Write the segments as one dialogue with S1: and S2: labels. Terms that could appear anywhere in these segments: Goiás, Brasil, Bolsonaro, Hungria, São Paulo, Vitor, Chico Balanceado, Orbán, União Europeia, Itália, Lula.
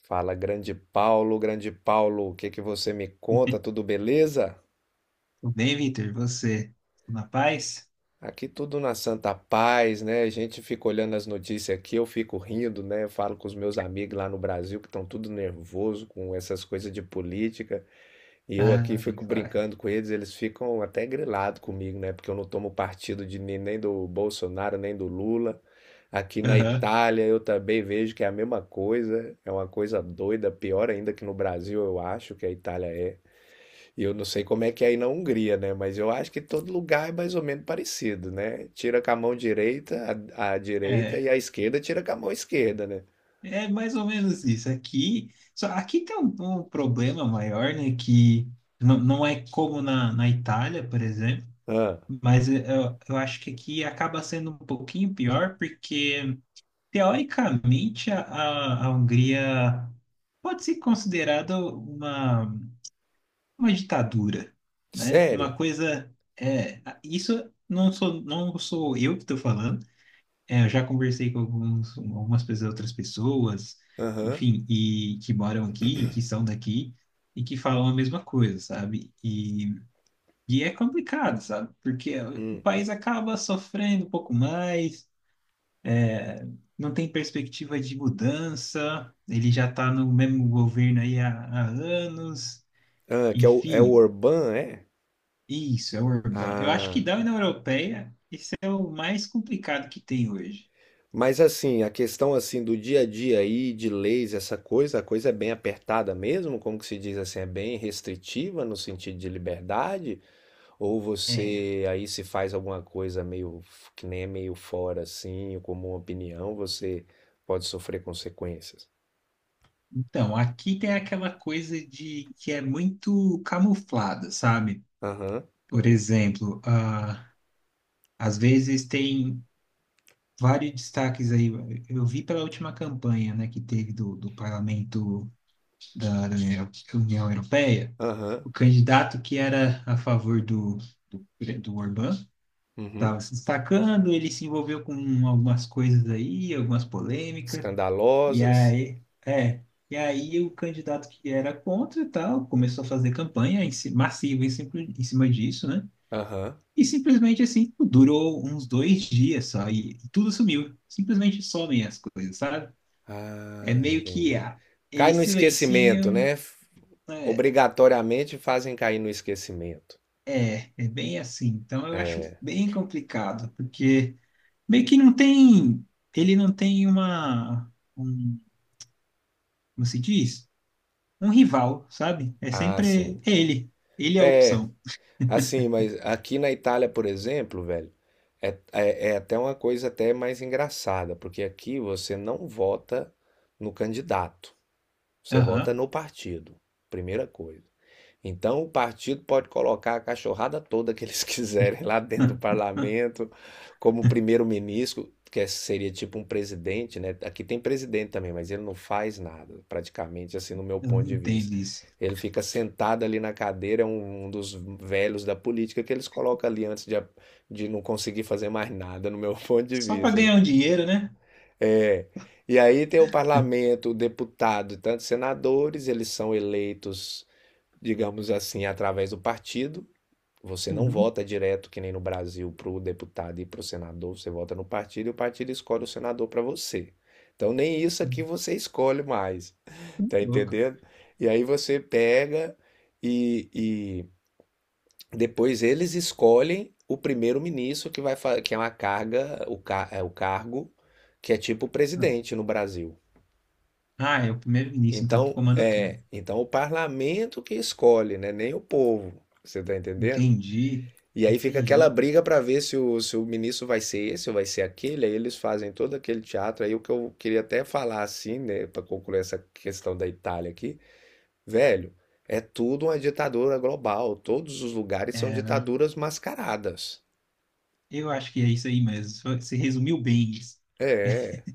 S1: Fala, grande Paulo, o que que você me conta? Tudo beleza?
S2: Tudo bem, Vitor? Você? Tudo na paz?
S1: Aqui tudo na santa paz, né? A gente fica olhando as notícias aqui, eu fico rindo, né? Eu falo com os meus amigos lá no Brasil que estão tudo nervoso com essas coisas de política, e eu aqui
S2: Ah, bem
S1: fico
S2: claro.
S1: brincando com eles, eles ficam até grilados comigo, né? Porque eu não tomo partido de nem do Bolsonaro, nem do Lula. Aqui na
S2: Aham.
S1: Itália eu também vejo que é a mesma coisa, é uma coisa doida, pior ainda que no Brasil, eu acho que a Itália é. E eu não sei como é que é aí na Hungria, né? Mas eu acho que todo lugar é mais ou menos parecido, né? Tira com a mão direita, a direita
S2: É,
S1: e a esquerda tira com a mão esquerda, né?
S2: é mais ou menos isso. Aqui, só aqui tem um problema maior, né? Que não é como na Itália, por exemplo,
S1: Ah,
S2: mas eu acho que aqui acaba sendo um pouquinho pior, porque teoricamente a Hungria pode ser considerada uma. Uma ditadura, né?
S1: sério?
S2: Uma coisa é isso, não sou eu que estou falando. É, eu já conversei com algumas pessoas, outras pessoas,
S1: Aham.
S2: enfim, e que moram aqui, e que são daqui e que falam a mesma coisa, sabe? E é complicado, sabe? Porque o
S1: Hum.
S2: país acaba sofrendo um pouco mais, é, não tem perspectiva de mudança, ele já está no mesmo governo aí há anos,
S1: Ah, que é o, é o
S2: enfim.
S1: Orbán, é?
S2: Isso, é o Urban. Eu acho que
S1: Ah.
S2: da União Europeia, esse é o mais complicado que tem hoje.
S1: Mas assim, a questão assim do dia a dia aí, de leis, essa coisa, a coisa é bem apertada mesmo, como que se diz assim, é bem restritiva no sentido de liberdade? Ou
S2: É.
S1: você aí se faz alguma coisa meio que nem é meio fora assim, ou como uma opinião, você pode sofrer consequências.
S2: Então, aqui tem aquela coisa de que é muito camuflada, sabe?
S1: Aham,
S2: Por exemplo, às vezes tem vários destaques aí. Eu vi pela última campanha, né, que teve do parlamento da União Europeia,
S1: aham,
S2: o candidato que era a favor do, do Orbán
S1: uhum.
S2: estava se destacando, ele se envolveu com algumas coisas aí, algumas polêmicas, e
S1: Escandalosas.
S2: aí, é, e aí o candidato que era contra e tal começou a fazer campanha massiva em cima disso, né?
S1: Aham.
S2: E simplesmente assim, durou uns dois dias só, e tudo sumiu. Simplesmente somem as coisas, sabe? É
S1: Ah,
S2: meio que
S1: entendi. Cai
S2: eles
S1: no esquecimento,
S2: silenciam,
S1: né?
S2: né?
S1: Obrigatoriamente fazem cair no esquecimento.
S2: É, é bem assim. Então eu acho
S1: É,
S2: bem complicado, porque meio que não tem, ele não tem como se diz? Um rival, sabe? É
S1: ah, sim.
S2: sempre é ele. Ele é a
S1: É,
S2: opção.
S1: assim, mas aqui na Itália, por exemplo, velho, é até uma coisa até mais engraçada, porque aqui você não vota no candidato. Você vota
S2: Aham.
S1: no partido, primeira coisa. Então, o partido pode colocar a cachorrada toda que eles quiserem lá dentro do parlamento, como primeiro-ministro, que é, seria tipo um presidente, né? Aqui tem presidente também, mas ele não faz nada, praticamente, assim, no meu
S2: Eu
S1: ponto
S2: não
S1: de
S2: entendo
S1: vista.
S2: isso.
S1: Ele fica sentado ali na cadeira, é um dos velhos da política que eles colocam ali antes de, de não conseguir fazer mais nada, no meu ponto de
S2: Só para
S1: vista.
S2: ganhar um dinheiro, né?
S1: É. E aí tem o parlamento, o deputado e tantos senadores, eles são eleitos, digamos assim, através do partido. Você não
S2: Uhum.
S1: vota direto, que nem no Brasil, para o deputado e para o senador, você vota no partido e o partido escolhe o senador para você. Então nem isso aqui
S2: Uhum.
S1: você escolhe mais, tá
S2: Louco.
S1: entendendo? E aí você pega e depois eles escolhem o primeiro-ministro que que é uma carga, é o cargo que é tipo
S2: Ah,
S1: presidente no Brasil.
S2: Ah, é o primeiro-ministro, então, que
S1: Então,
S2: comanda tudo.
S1: é, então o parlamento que escolhe, né? Nem o povo. Você tá entendendo?
S2: Entendi.
S1: E aí fica aquela
S2: Entendi.
S1: briga para ver se o ministro vai ser esse ou vai ser aquele. Aí eles fazem todo aquele teatro. Aí o que eu queria até falar assim, né, para concluir essa questão da Itália aqui, velho, é tudo uma ditadura global. Todos os lugares são
S2: É, né?
S1: ditaduras mascaradas.
S2: Eu acho que é isso aí mesmo. Você resumiu bem isso.
S1: É,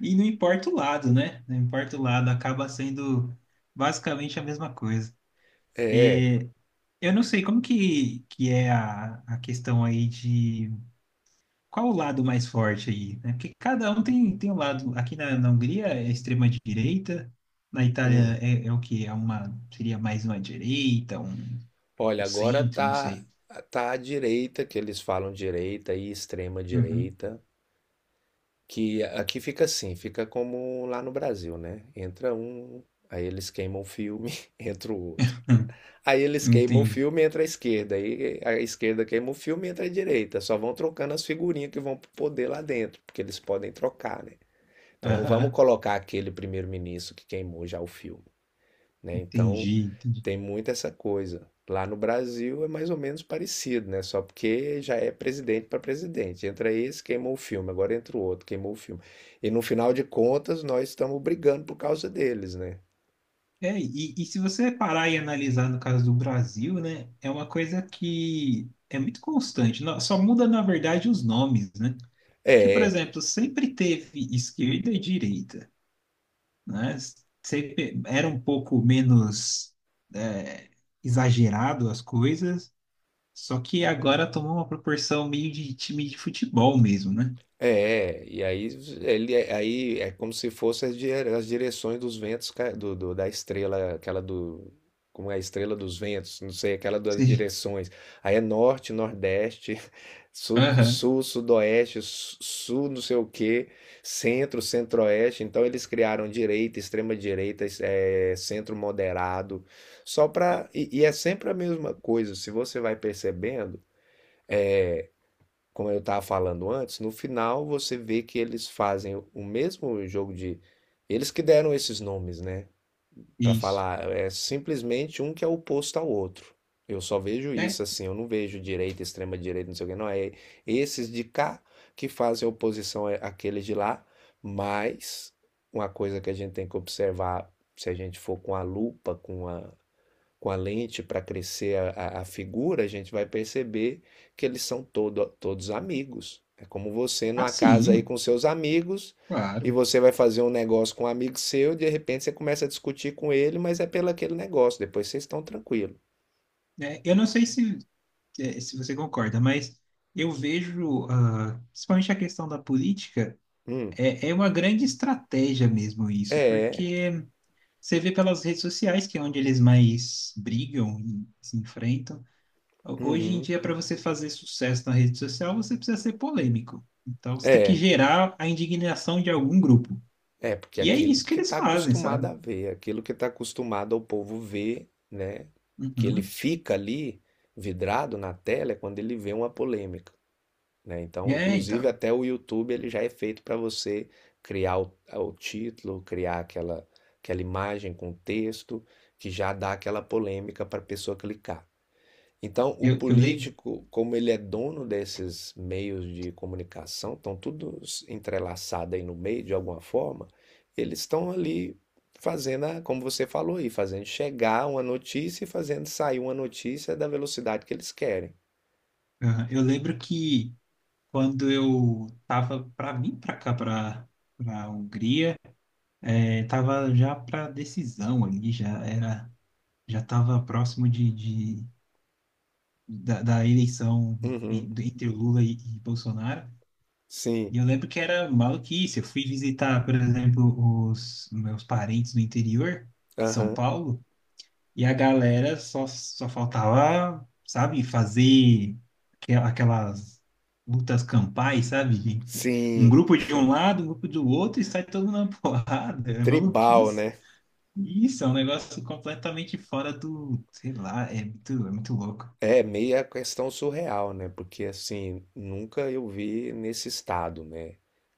S2: E não importa o lado, né? Não importa o lado, acaba sendo basicamente a mesma coisa.
S1: é.
S2: Eu não sei como que é a questão aí de qual o lado mais forte aí, né? Porque cada um tem, tem um lado. Aqui na Hungria é extrema direita, na
S1: Hum.
S2: Itália é, é o que? É uma, seria mais uma direita, um
S1: Olha, agora
S2: centro, não sei.
S1: tá à direita, que eles falam direita e extrema
S2: Uhum.
S1: direita. Que aqui fica assim, fica como lá no Brasil, né? Entra um, aí eles queimam o filme, entra o outro. Aí eles queimam o
S2: Entendi.
S1: filme, entra a esquerda. Aí a esquerda queima o filme, entra a direita. Só vão trocando as figurinhas que vão poder lá dentro, porque eles podem trocar, né? Então não vamos
S2: Aham.
S1: colocar aquele primeiro-ministro que queimou já o filme, né? Então
S2: Entendi, entendi.
S1: tem muito essa coisa. Lá no Brasil é mais ou menos parecido, né? Só porque já é presidente para presidente. Entra esse, queimou o filme, agora entra o outro, queimou o filme. E no final de contas, nós estamos brigando por causa deles, né?
S2: É, e se você parar e analisar no caso do Brasil, né, é uma coisa que é muito constante. No- Só muda, na verdade, os nomes, né? Que, por
S1: É,
S2: exemplo, sempre teve esquerda e direita, né? Sempre era um pouco menos é, exagerado as coisas, só que agora tomou uma proporção meio de time de futebol mesmo, né?
S1: é, e aí ele aí é como se fosse as direções dos ventos da estrela, aquela do como é a estrela dos ventos, não sei, aquela das
S2: Sim.
S1: direções. Aí é norte, nordeste, sul,
S2: Aham.
S1: sul, sudoeste, sul, não sei o quê, centro, centro-oeste. Então eles criaram direita, extrema direita, centro moderado, só para e é sempre a mesma coisa. Se você vai percebendo como eu estava falando antes, no final você vê que eles fazem o mesmo jogo de. Eles que deram esses nomes, né? Para
S2: Isso.
S1: falar, é simplesmente um que é oposto ao outro. Eu só vejo
S2: É,
S1: isso assim, eu não vejo direita, extrema direita, não sei o que, não. É esses de cá que fazem oposição àqueles de lá, mas uma coisa que a gente tem que observar, se a gente for com a lupa, com a lente para crescer a, a figura, a gente vai perceber que eles são todos amigos. É como você numa casa aí
S2: assim,
S1: com seus amigos e
S2: claro.
S1: você vai fazer um negócio com um amigo seu, e de repente você começa a discutir com ele, mas é pelo aquele negócio, depois vocês estão tranquilos.
S2: É, eu não sei se você concorda, mas eu vejo, principalmente a questão da política,
S1: Hum,
S2: é, é uma grande estratégia mesmo isso,
S1: é,
S2: porque você vê pelas redes sociais que é onde eles mais brigam e se enfrentam. Hoje em
S1: uhum,
S2: dia, para você fazer sucesso na rede social, você precisa ser polêmico. Então, você tem que
S1: é,
S2: gerar a indignação de algum grupo.
S1: é, porque
S2: E é
S1: aquilo
S2: isso que
S1: que
S2: eles
S1: está
S2: fazem,
S1: acostumado
S2: sabe?
S1: a ver, aquilo que está acostumado ao povo ver, né? Que ele
S2: Uhum.
S1: fica ali vidrado na tela é quando ele vê uma polêmica. Né? Então,
S2: É,
S1: inclusive
S2: então.
S1: até o YouTube ele já é feito para você criar o título, criar aquela, aquela imagem com texto que já dá aquela polêmica para a pessoa clicar. Então, o
S2: Eu, eu, lem-
S1: político, como ele é dono desses meios de comunicação, estão todos entrelaçados aí no meio de alguma forma, eles estão ali fazendo, como você falou aí, fazendo chegar uma notícia e fazendo sair uma notícia da velocidade que eles querem.
S2: aham, eu lembro que quando eu tava para vir para cá, para a Hungria, é, tava já para decisão ali, já era, já tava próximo de da eleição
S1: Uhum,
S2: entre Lula e Bolsonaro.
S1: sim,
S2: E eu lembro que era maluquice. Eu fui visitar, por exemplo, os meus parentes no interior, São
S1: aham.
S2: Paulo, e a galera só faltava, sabe, fazer aquelas lutas campais, sabe? Um
S1: Sim,
S2: grupo de um lado, um grupo do outro, e sai todo mundo na porrada. É
S1: tribal,
S2: maluquice.
S1: né?
S2: Isso, é um negócio completamente fora do, sei lá, é muito louco.
S1: É meia questão surreal, né? Porque assim, nunca eu vi nesse estado, né?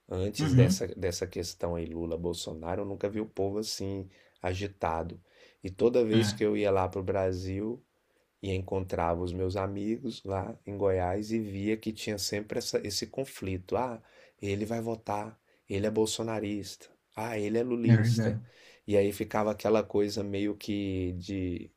S1: Antes
S2: Uhum,
S1: dessa questão aí Lula-Bolsonaro, eu nunca vi o povo assim agitado. E toda vez
S2: é,
S1: que eu ia lá pro Brasil e encontrava os meus amigos lá em Goiás e via que tinha sempre esse conflito. Ah, ele vai votar, ele é bolsonarista, ah, ele é
S2: é
S1: lulista.
S2: verdade.
S1: E aí ficava aquela coisa meio que de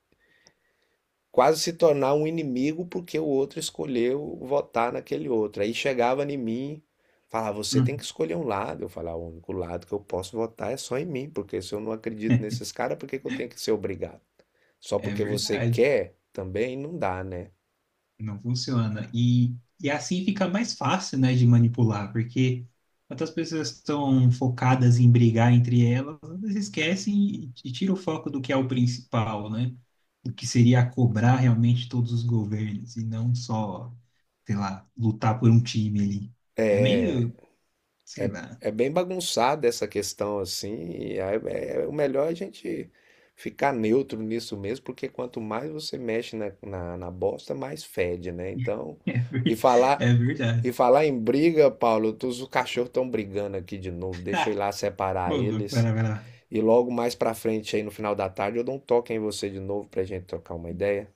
S1: quase se tornar um inimigo porque o outro escolheu votar naquele outro. Aí chegava em mim, falava, você tem que
S2: Uhum.
S1: escolher um lado. Eu falava, o único lado que eu posso votar é só em mim, porque se eu não acredito nesses caras, por que que eu tenho que ser obrigado? Só
S2: É
S1: porque você
S2: verdade,
S1: quer também não dá, né?
S2: não funciona. E assim fica mais fácil, né, de manipular, porque quando as pessoas estão focadas em brigar entre elas, elas esquecem e tiram o foco do que é o principal, né? O que seria cobrar realmente todos os governos e não só, sei lá, lutar por um time ali. É meio, sei lá.
S1: É bem bagunçada essa questão assim, e aí é, é o melhor é a gente ficar neutro nisso mesmo, porque quanto mais você mexe na bosta, mais fede, né? Então,
S2: É,
S1: e falar,
S2: é
S1: e
S2: verdade.
S1: falar em briga, Paulo, os cachorros estão brigando aqui de novo. Deixa eu ir lá
S2: Ô,
S1: separar
S2: louco, vai
S1: eles.
S2: lá, vai lá.
S1: E logo mais pra frente, aí no final da tarde, eu dou um toque em você de novo pra gente trocar uma ideia.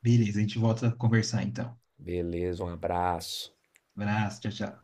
S2: Beleza, a gente volta a conversar então.
S1: Beleza, um abraço.
S2: Abraço, tchau, tchau.